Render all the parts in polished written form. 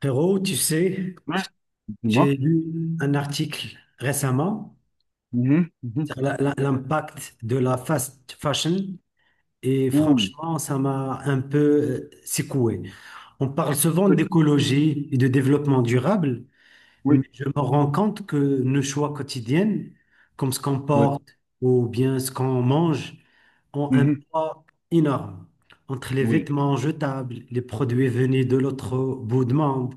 Frérot, tu sais, Ouais, j'ai dis-moi. lu un article récemment Mhm, mhm. sur l'impact de la fast fashion et Ouh, franchement, ça m'a un peu secoué. On parle souvent oui, d'écologie et de développement durable, mais oui, je me rends compte que nos choix quotidiens, comme ce qu'on oui, porte ou bien ce qu'on mange, ont un mhm, poids énorme. Entre les oui, vêtements jetables, les produits venus de l'autre bout du monde,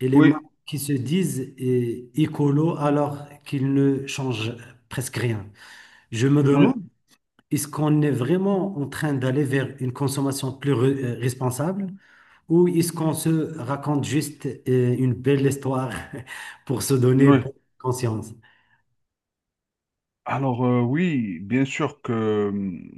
et les oui, marques qui se disent écolo alors qu'ils ne changent presque rien. Je me oui, demande, est-ce qu'on est vraiment en train d'aller vers une consommation plus responsable ou est-ce qu'on se raconte juste une belle histoire pour se donner oui. bonne conscience? Alors, oui, bien sûr que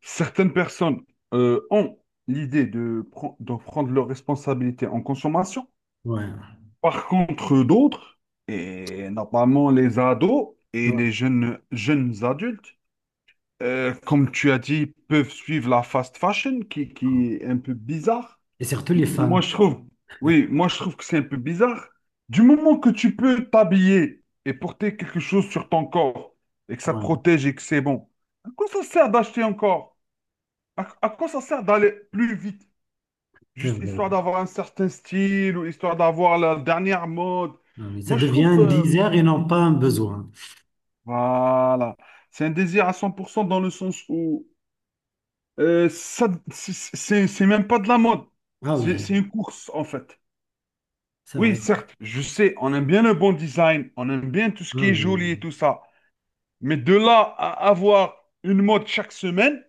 certaines personnes ont l'idée de, de prendre leurs responsabilités en consommation. Ouais. Par contre, d'autres, et notamment les ados et Ouais. les jeunes, jeunes adultes, comme tu as dit, peuvent suivre la fast fashion qui est un peu bizarre. Et surtout les Moi, femmes. je trouve, oui, moi, je trouve que c'est un peu bizarre. Du moment que tu peux t'habiller et porter quelque chose sur ton corps et que ça Ouais, protège et que c'est bon, à quoi ça sert d'acheter encore? À quoi ça sert d'aller plus vite? c'est Juste vrai. histoire d'avoir un certain style ou histoire d'avoir la dernière mode. Ah oui, ça Moi, je devient trouve, un désir et non pas un besoin. voilà, c'est un désir à 100% dans le sens où ça, c'est même pas de la mode. Ah C'est oui, c'est une course, en fait. c'est Oui, vrai. certes, je sais, on aime bien le bon design, on aime bien tout ce Ah qui est joli et oui, tout ça. Mais de là à avoir une mode chaque semaine,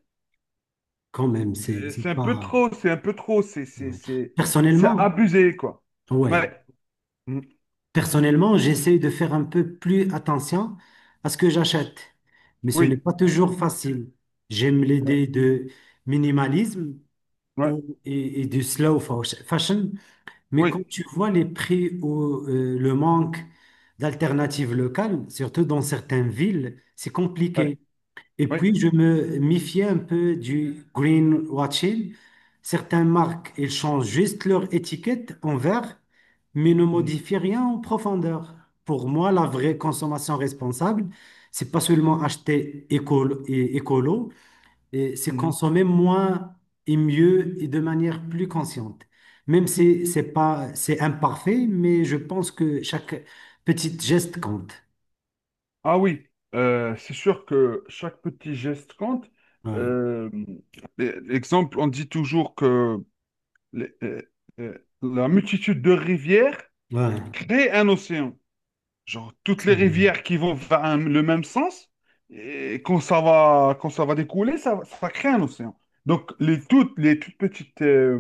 quand même, c'est c'est c'est un peu pas. trop, c'est un peu trop, C'est vrai. C'est Personnellement, abusé, quoi. ouais. Ouais. Mhm. Personnellement, j'essaye de faire un peu plus attention à ce que j'achète, mais ce n'est Oui, pas toujours facile. J'aime ouais, l'idée de minimalisme ouais, et, du slow fashion, mais oui, quand tu vois les prix ou le manque d'alternatives locales, surtout dans certaines villes, c'est ouais, compliqué. Et ouais. puis, je me méfiais un peu du greenwashing. Certaines marques, elles changent juste leur étiquette en vert, mais ne Mhm. modifient rien en profondeur. Pour moi, la vraie consommation responsable, c'est pas seulement acheter écolo, et écolo, et c'est Mhm. consommer moins et mieux et de manière plus consciente. Même si c'est pas, c'est imparfait, mais je pense que chaque petit geste compte. Ah oui. C'est sûr que chaque petit geste compte. Ouais. Euh, Exemple, on dit toujours que les- euh, la multitude de rivières Ouais. crée un océan. Genre, toutes C'est les bon. rivières qui vont vers le même sens, et quand ça va découler, ça va créer un océan. Donc, les toutes petites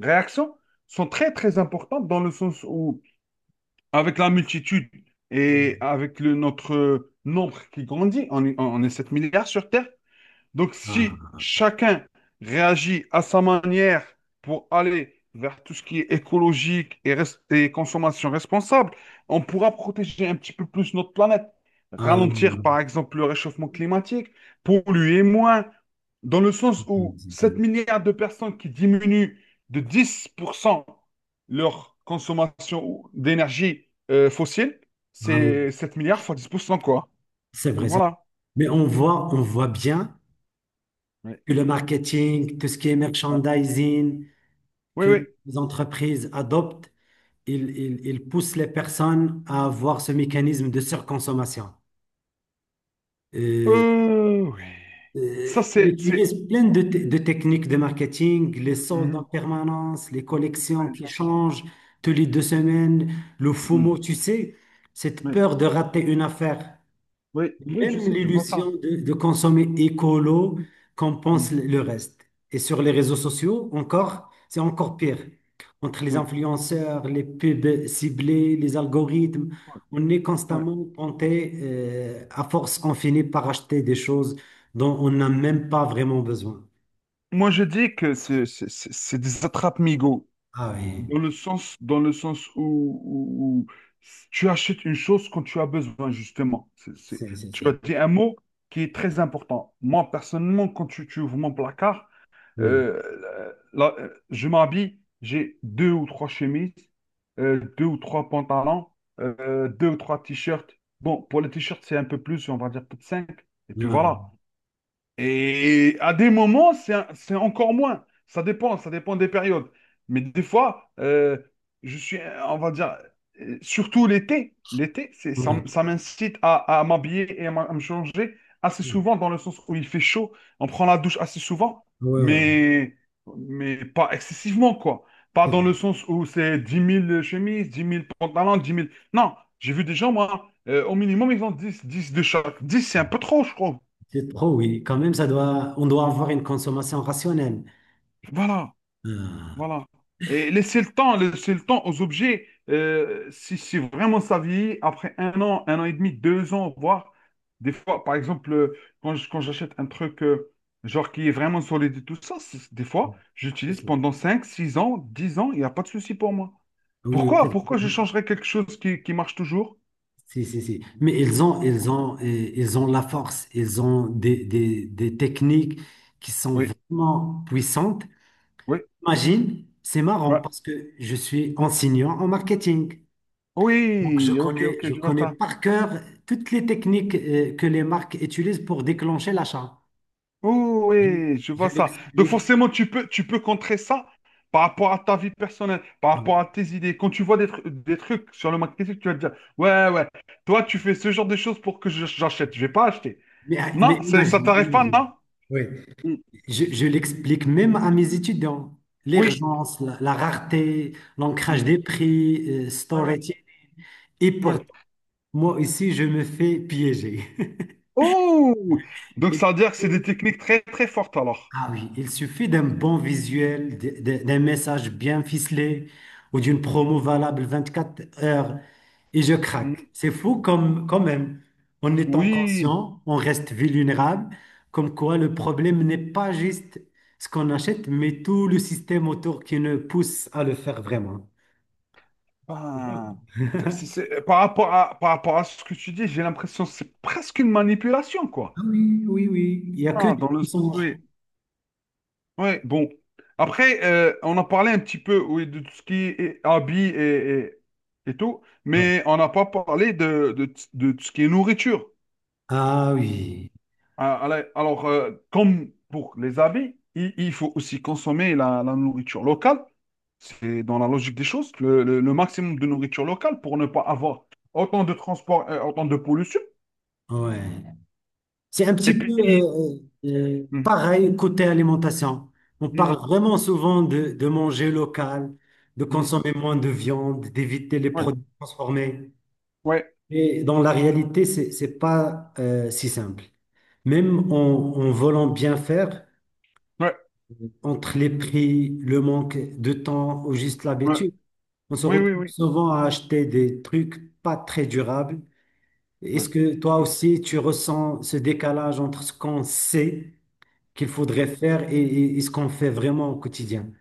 réactions sont très, très importantes dans le sens où, avec la multitude et avec notre nombre qui grandit, on est 7 milliards sur Terre, donc, si Ah. chacun réagit à sa manière pour aller vers tout ce qui est écologique et consommation responsable, on pourra protéger un petit peu plus notre planète, Ah oui, oui, ralentir par exemple le réchauffement climatique, polluer moins, dans le sens oui, où 7 milliards de personnes qui diminuent de 10% leur consommation d'énergie fossile, ah oui, c'est 7 milliards fois 10% quoi. c'est vrai, Donc c'est- voilà. mais on voit bien Oui, que le marketing, tout ce qui est ouais. merchandising, Oui. Oui. que les entreprises adoptent, ils poussent les personnes à avoir ce mécanisme de surconsommation. Euh, Oui. Ça, ils c'est, c'est... utilisent plein de techniques de marketing, les soldes en Mhm. permanence, les collections Ouais, je qui vois ça. changent tous les deux semaines, le FOMO, Mhm. tu sais, cette Oui, peur de rater une affaire. oui, oui, je Même sais, je vois ça. l'illusion de consommer écolo Mhm. compense le reste. Et sur les réseaux sociaux, encore, c'est encore pire. Entre les Oui, influenceurs, les pubs ciblées, les algorithmes, ouais, on est ouais. constamment tenté, à force, on finit par acheter des choses dont on n'a même pas vraiment besoin. Moi, je dis que c'est des attrape-migots, Ah oui, dans le sens où, où tu achètes une chose quand tu as besoin, justement. Tu as c'est. dit un mot qui est très important. Moi, personnellement, quand tu ouvres mon placard, Oui. Je m'habille, j'ai deux ou trois chemises, deux ou trois pantalons, deux ou trois t-shirts. Bon, pour les t-shirts, c'est un peu plus, on va dire peut-être cinq. Et puis Ouais, voilà. Et à des moments, c'est encore moins. Ça dépend des périodes. Mais des fois, je suis, on va dire, surtout l'été, l'été, ouais. Ça m'incite à m'habiller et à me changer assez souvent, dans le sens où il fait chaud, on prend la douche assez souvent, Ouais, ouais, ouais. mais, mais pas excessivement, quoi. Pas C'est dans le sens où c'est 10 000 chemises, 10 000 pantalons, 10 000. Non, j'ai vu des gens, moi, au minimum, ils ont dix de chaque. 10, c'est un peu trop, je trouve. c'est trop, oui. Quand même, on doit avoir une consommation rationnelle. Voilà. Ah. Voilà. Et laisser le temps aux objets. Si vraiment ça vieillit, après un an et demi, deux ans, voire des fois, par exemple, quand quand j'achète un truc genre qui est vraiment solide et tout ça, des fois, C'est j'utilise ça. pendant 5, 6 ans, 10 ans, il n'y a pas de souci pour moi. Oui, oui, c'est Pourquoi, vrai. pourquoi je changerais quelque chose qui marche toujours? Si, si, si. Mais Ah, ils ont la force, ils ont des techniques qui sont oui, vraiment puissantes. oui, Imagine, c'est marrant ouais. parce que je suis enseignant en marketing. Donc, Oui, ok, ok, je je vois connais ça. par cœur toutes les techniques, que les marques utilisent pour déclencher l'achat. Oh Je, oui, je je vois ça. Donc l'explique. forcément, tu peux contrer ça par rapport à ta vie personnelle, par rapport à tes idées. Quand tu vois des trucs sur le marketing, tu vas te dire, ouais, ouais, toi, tu fais ce genre de choses pour que j'achète. Je vais pas acheter. Non, ça t'arrive pas, Imagine. non? Oui. Mm. Je l'explique même à mes étudiants. Oui. L'urgence, la rareté, l'ancrage Hmm. des prix, Ouais, ouais, storage. Et ouais. pourtant, moi ici, je me fais piéger. Oh! Donc Il- ça veut dire que c'est des techniques très, très fortes alors. Ah oui, il suffit d'un bon visuel, d'un message bien ficelé ou d'une promo valable 24 heures et je Hmm. craque. C'est fou comme, quand même. En étant Oui. conscient, on reste vulnérable, comme quoi le problème n'est pas juste ce qu'on achète, mais tout le système autour qui nous pousse à le faire vraiment. Tu vois. Ben, par rapport à ce que tu dis, j'ai l'impression que c'est presque une manipulation, Ah quoi. oui, oui, oui. Il n'y a que Ah, des dans le sens, mensonges. oui. Ouais, bon. Après, on a parlé un petit peu oui, de tout ce qui est habits et tout, Ouais. mais on n'a pas parlé de tout ce qui est nourriture. Ah oui, Ah, allez. Alors, comme pour les habits, il faut aussi consommer la nourriture locale. C'est dans la logique des choses, le maximum de nourriture locale pour ne pas avoir autant de transport, autant de pollution. ouais. C'est un petit Et peu puis, euh, mhm, pareil côté alimentation. On mhm, parle vraiment souvent de manger local, de mhm. consommer moins de viande, d'éviter les Ouais, produits transformés. ouais, Mais dans la réalité, c'est pas si simple. Même en voulant bien faire, ouais, entre les prix, le manque de temps ou juste ouais. l'habitude, on se Oui, oui, retrouve oui. souvent à acheter des trucs pas très durables. Ouais. Est-ce que toi Mmh. aussi, tu ressens ce décalage entre ce qu'on sait qu'il faudrait Oui. faire et ce qu'on fait vraiment au quotidien?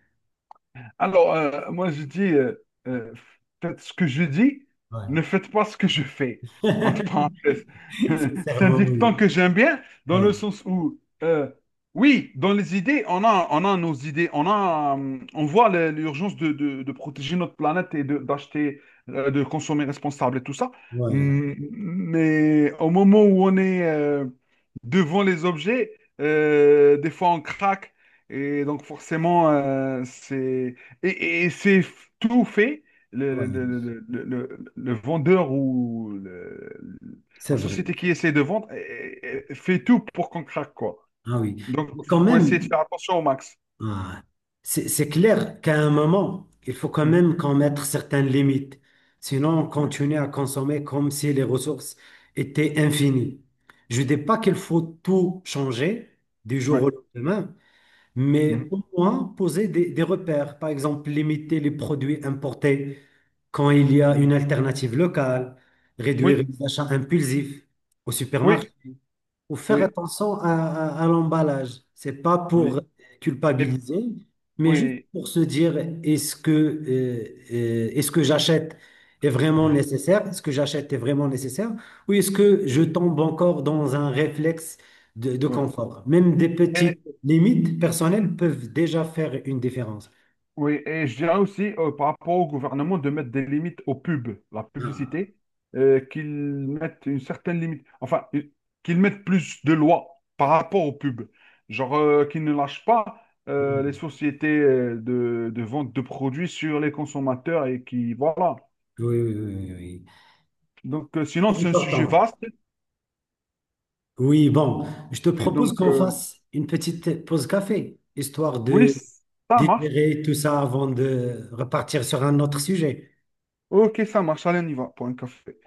Alors, moi, je dis, euh, faites ce que je dis, ne faites pas ce que je fais. Ouais. Entre parenthèses. C'est un Sincèrement, dicton oui. que j'aime bien, dans Ouais, le sens où, euh, oui, dans les idées, on a nos idées, on voit l'urgence de protéger notre planète et d'acheter, de consommer responsable et tout ça. ouais, Mais au moment où on est devant les objets, des fois on craque. Et donc forcément, c'est et c'est f- tout fait, ouais. Le vendeur ou C'est la vrai. société qui essaie de vendre fait tout pour qu'on craque, quoi. Ah oui. Donc, Mais quand faut essayer même. de faire attention au max. Ah, c'est clair qu'à un moment, il faut quand Mhm. même qu'on mette certaines limites. Sinon, on Mhm. continue à consommer comme si les ressources étaient infinies. Je ne dis pas qu'il faut tout changer du jour Ouais. au lendemain, mais Mhm. au moins poser des repères. Par exemple, limiter les produits importés quand il y a Mhm. une alternative locale, réduire Oui, les achats impulsifs au oui, supermarché faut faire oui, attention à l'emballage. C'est pas oui. pour Et- culpabiliser, mais juste oui, pour se dire, est-ce que j'achète est vraiment oui, nécessaire? Est-ce que j'achète est vraiment nécessaire? Ou est-ce que je tombe encore dans un réflexe de confort? Même des oui. petites limites personnelles peuvent déjà faire une différence. Oui, et je dirais aussi par rapport au gouvernement de mettre des limites aux pubs, la Ah, publicité, qu'ils mettent une certaine limite, enfin, qu'ils mettent plus de lois par rapport aux pubs. Genre qu'ils ne lâchent pas oui, les sociétés de vente de produits sur les consommateurs et qui, voilà. oui, oui, oui. Oui. Oui. Donc, sinon, C'est c'est un sujet important. vaste. Oui, bon, je te Et propose donc, qu'on fasse une petite pause café, histoire oui, de ça marche. digérer tout ça avant de repartir sur un autre sujet. Ok, ça marche. Allez, on y va pour un café.